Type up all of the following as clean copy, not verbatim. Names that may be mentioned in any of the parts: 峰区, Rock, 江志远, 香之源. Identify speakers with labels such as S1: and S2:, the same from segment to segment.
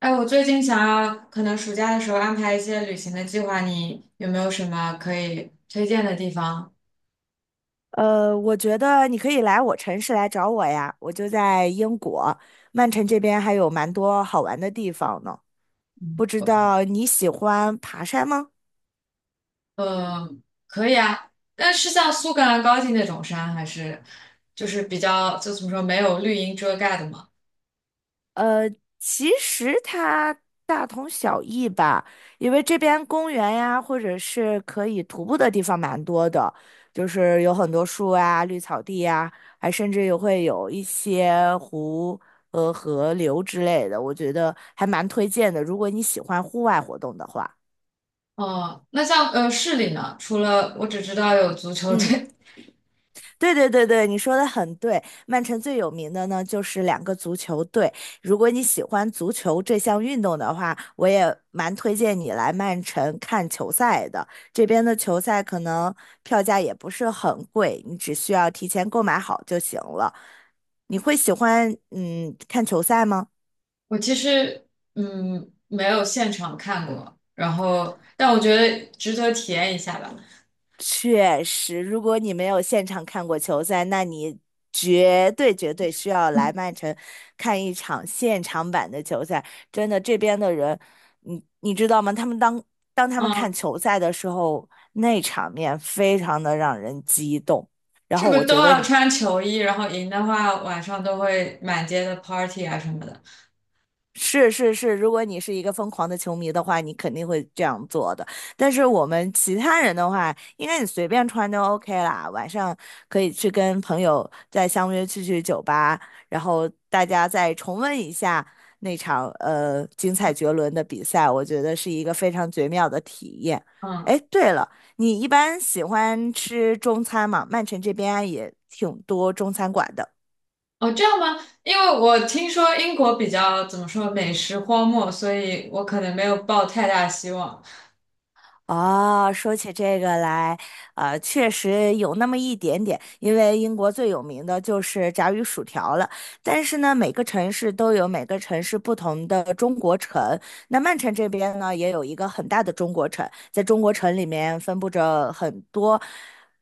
S1: 哎，我最近想要可能暑假的时候安排一些旅行的计划，你有没有什么可以推荐的地方？
S2: 我觉得你可以来我城市来找我呀，我就在英国，曼城这边还有蛮多好玩的地方呢。不知道你喜欢爬山吗？
S1: 嗯，可以啊，但是像苏格兰高地那种山，还是就是比较就怎么说没有绿荫遮盖的嘛。
S2: 呃，其实它大同小异吧，因为这边公园呀，或者是可以徒步的地方蛮多的，就是有很多树啊、绿草地呀，还甚至也会有一些湖和河流之类的，我觉得还蛮推荐的，如果你喜欢户外活动的话。
S1: 哦、那像市里呢，除了我只知道有足球
S2: 嗯，
S1: 队，
S2: 对对对对，你说的很对。曼城最有名的呢，就是两个足球队。如果你喜欢足球这项运动的话，我也蛮推荐你来曼城看球赛的。这边的球赛可能票价也不是很贵，你只需要提前购买好就行了。你会喜欢看球赛吗？
S1: 我其实没有现场看过，然后但我觉得值得体验一下吧。
S2: 确实，如果你没有现场看过球赛，那你绝对绝对需要来曼城看一场现场版的球赛。真的，这边的人，你知道吗？他们当他们
S1: 嗯。
S2: 看球赛的时候，那场面非常的让人激动。然
S1: 是
S2: 后
S1: 不
S2: 我
S1: 是都
S2: 觉得
S1: 要
S2: 你
S1: 穿球衣？然后赢的话，晚上都会满街的 party 啊什么的。
S2: 是是是，如果你是一个疯狂的球迷的话，你肯定会这样做的。但是我们其他人的话，应该你随便穿都 OK 啦。晚上可以去跟朋友再相约去酒吧，然后大家再重温一下那场精彩绝伦的比赛，我觉得是一个非常绝妙的体验。
S1: 嗯，
S2: 哎，对了，你一般喜欢吃中餐吗？曼城这边也挺多中餐馆的。
S1: 哦，这样吗？因为我听说英国比较怎么说美食荒漠，所以我可能没有抱太大希望。
S2: 哦，说起这个来，确实有那么一点点，因为英国最有名的就是炸鱼薯条了。但是呢，每个城市都有每个城市不同的中国城。那曼城这边呢，也有一个很大的中国城，在中国城里面分布着很多，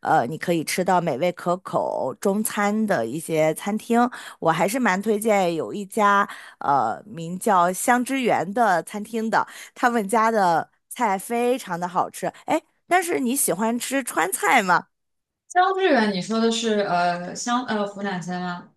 S2: 你可以吃到美味可口中餐的一些餐厅。我还是蛮推荐有一家，名叫香之源的餐厅的。他们家的菜非常的好吃。哎，但是你喜欢吃川菜吗？
S1: 江志远，你说的是呃湘呃湖南菜吗？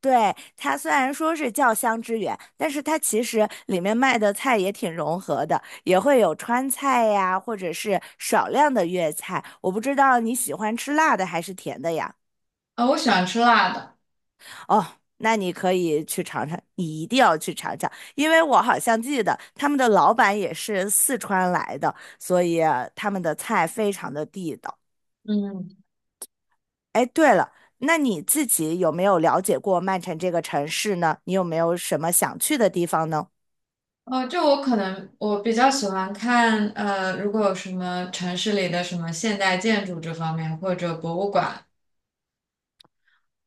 S2: 对，它虽然说是叫香之源，但是它其实里面卖的菜也挺融合的，也会有川菜呀，或者是少量的粤菜。我不知道你喜欢吃辣的还是甜的呀？
S1: 我喜欢吃辣的。
S2: 哦，那你可以去尝尝，你一定要去尝尝，因为我好像记得他们的老板也是四川来的，所以他们的菜非常的地道。
S1: 嗯，
S2: 哎，对了，那你自己有没有了解过曼城这个城市呢？你有没有什么想去的地方呢？
S1: 哦，就我可能我比较喜欢看，如果有什么城市里的什么现代建筑这方面或者博物馆。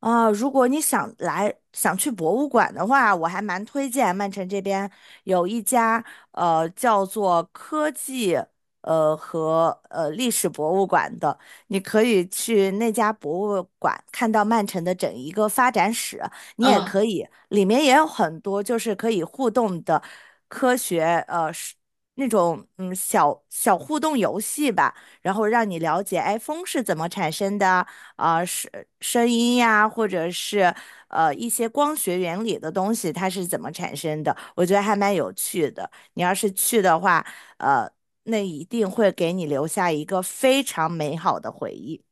S2: 啊，如果你想来想去博物馆的话，我还蛮推荐曼城这边有一家叫做科技和历史博物馆的，你可以去那家博物馆看到曼城的整一个发展史，你也
S1: 嗯。
S2: 可以里面也有很多就是可以互动的科学是那种小小互动游戏吧。然后让你了解，iPhone 是怎么产生的啊，声音呀，或者是一些光学原理的东西，它是怎么产生的？我觉得还蛮有趣的。你要是去的话，呃，那一定会给你留下一个非常美好的回忆。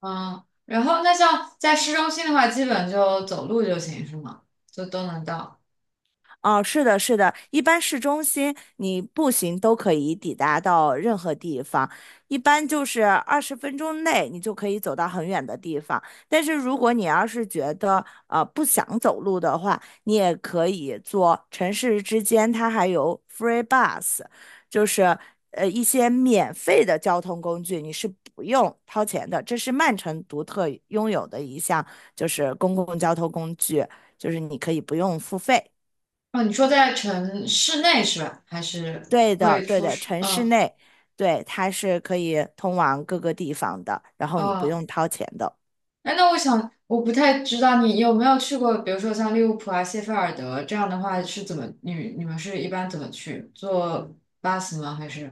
S1: 嗯，然后那像在市中心的话，基本就走路就行，是吗？就都能到。
S2: 哦，是的，是的，一般市中心你步行都可以抵达到任何地方，一般就是20分钟内你就可以走到很远的地方。但是如果你要是觉得不想走路的话，你也可以坐城市之间，它还有 free bus，就是一些免费的交通工具，你是不用掏钱的。这是曼城独特拥有的一项，就是公共交通工具，就是你可以不用付费。
S1: 哦，你说在城市内是吧？还是
S2: 对的，
S1: 会
S2: 对
S1: 出
S2: 的，
S1: 市？
S2: 城市
S1: 嗯
S2: 内，对，它是可以通往各个地方的，然后你不
S1: 哦，
S2: 用掏钱的。
S1: 哎，那我想我不太知道你有没有去过，比如说像利物浦啊、谢菲尔德这样的话，是怎么你们是一般怎么去？坐巴士吗？还是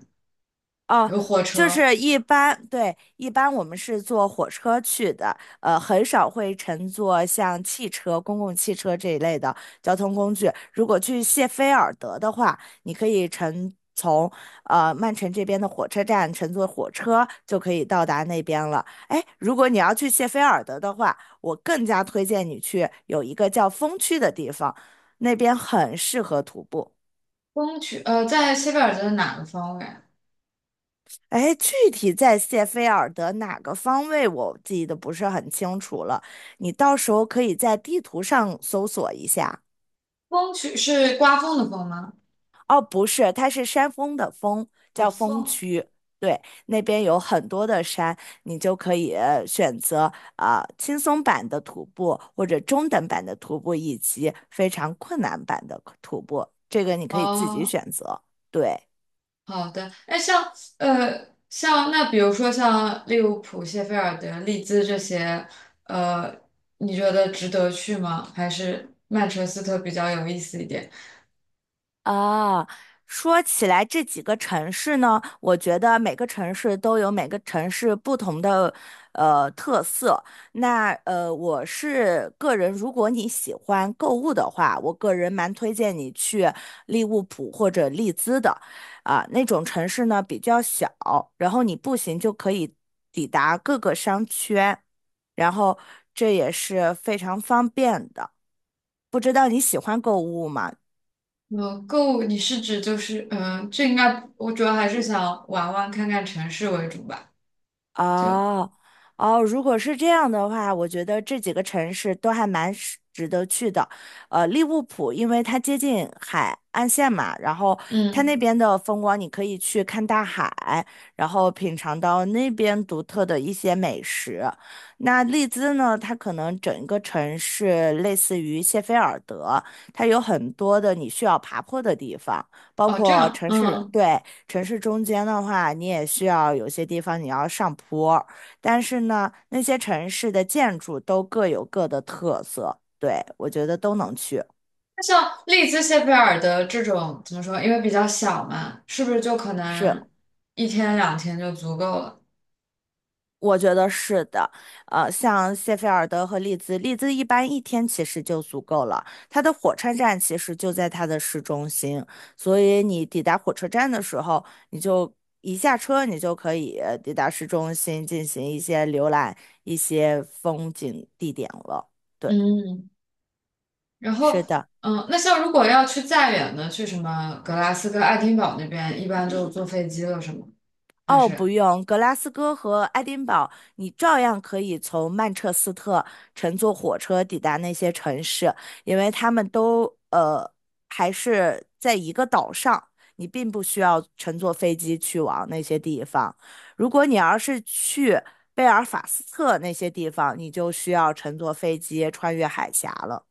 S2: 哦，
S1: 有火
S2: 就
S1: 车？
S2: 是一般，对，一般我们是坐火车去的，很少会乘坐像汽车、公共汽车这一类的交通工具。如果去谢菲尔德的话，你可以从曼城这边的火车站乘坐火车就可以到达那边了。哎，如果你要去谢菲尔德的话，我更加推荐你去有一个叫风区的地方，那边很适合徒步。
S1: 风区在谢菲尔德的哪个方位？
S2: 哎，具体在谢菲尔德哪个方位，我记得不是很清楚了。你到时候可以在地图上搜索一下。
S1: 风区是刮风的风吗？
S2: 哦，不是，它是山峰的峰，
S1: 哦，
S2: 叫峰
S1: 风
S2: 区。对，那边有很多的山，你就可以选择啊、轻松版的徒步，或者中等版的徒步，以及非常困难版的徒步。这个你可以自己
S1: 哦。
S2: 选择。对。
S1: 好的，哎，像呃，像那比如说像利物浦、谢菲尔德、利兹这些，呃，你觉得值得去吗？还是曼彻斯特比较有意思一点？
S2: 啊，说起来这几个城市呢，我觉得每个城市都有每个城市不同的特色。那我是个人，如果你喜欢购物的话，我个人蛮推荐你去利物浦或者利兹的，啊、那种城市呢比较小，然后你步行就可以抵达各个商圈，然后这也是非常方便的。不知道你喜欢购物吗？
S1: 购物你是指就是这应该我主要还是想玩玩看看城市为主吧。就
S2: 哦哦，如果是这样的话，我觉得这几个城市都还蛮是值得去的。利物浦，因为它接近海岸线嘛，然后它那
S1: 嗯，
S2: 边的风光，你可以去看大海，然后品尝到那边独特的一些美食。那利兹呢，它可能整个城市类似于谢菲尔德，它有很多的你需要爬坡的地方，包
S1: 哦，这
S2: 括
S1: 样，
S2: 城市，
S1: 嗯，
S2: 对。城市中间的话，你也需要有些地方你要上坡，但是呢，那些城市的建筑都各有各的特色，对，我觉得都能去。
S1: 那像利兹、谢菲尔德这种怎么说？因为比较小嘛，是不是就可
S2: 是，
S1: 能一天两天就足够了？
S2: 我觉得是的。像谢菲尔德和利兹，利兹一般一天其实就足够了，它的火车站其实就在它的市中心，所以你抵达火车站的时候，你就。一下车，你就可以抵达市中心进行一些浏览、一些风景地点了。对。
S1: 嗯然后，
S2: 是的，
S1: 嗯，那像如果要去再远的，去什么格拉斯哥、爱丁堡那边，一般就坐飞机了，是吗？还
S2: 哦，不
S1: 是
S2: 用，格拉斯哥和爱丁堡，你照样可以从曼彻斯特乘坐火车抵达那些城市，因为他们都呃还是在一个岛上，你并不需要乘坐飞机去往那些地方。如果你要是去贝尔法斯特那些地方，你就需要乘坐飞机穿越海峡了。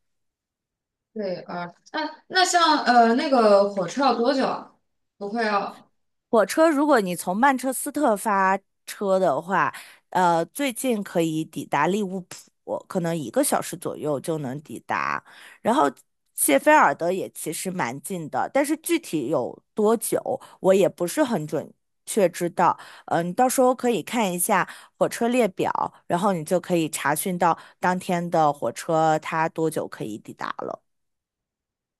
S1: 对，啊，那像那个火车要多久啊？不会要
S2: 火车，如果你从曼彻斯特发车的话，最近可以抵达利物浦，可能1个小时左右就能抵达。然后谢菲尔德也其实蛮近的，但是具体有多久，我也不是很准确知道。嗯，你到时候可以看一下火车列表，然后你就可以查询到当天的火车它多久可以抵达了。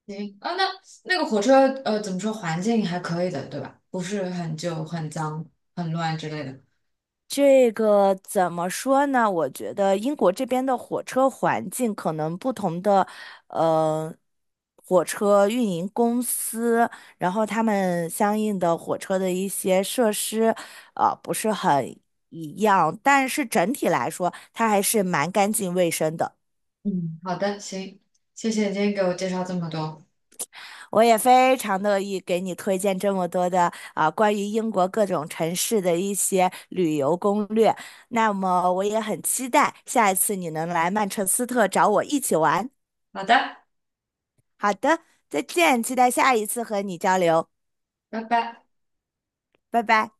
S1: 行啊？那那个火车怎么说？环境还可以的，对吧？不是很旧、很脏、很乱之类的。
S2: 这个怎么说呢？我觉得英国这边的火车环境可能不同的，呃，火车运营公司，然后他们相应的火车的一些设施，不是很一样，但是整体来说，它还是蛮干净卫生的。
S1: 嗯，好的，行，谢谢你今天给我介绍这么多。
S2: 我也非常乐意给你推荐这么多的啊，关于英国各种城市的一些旅游攻略。那么我也很期待下一次你能来曼彻斯特找我一起玩。
S1: 好的，
S2: 好的，再见，期待下一次和你交流，
S1: 拜拜。
S2: 拜拜。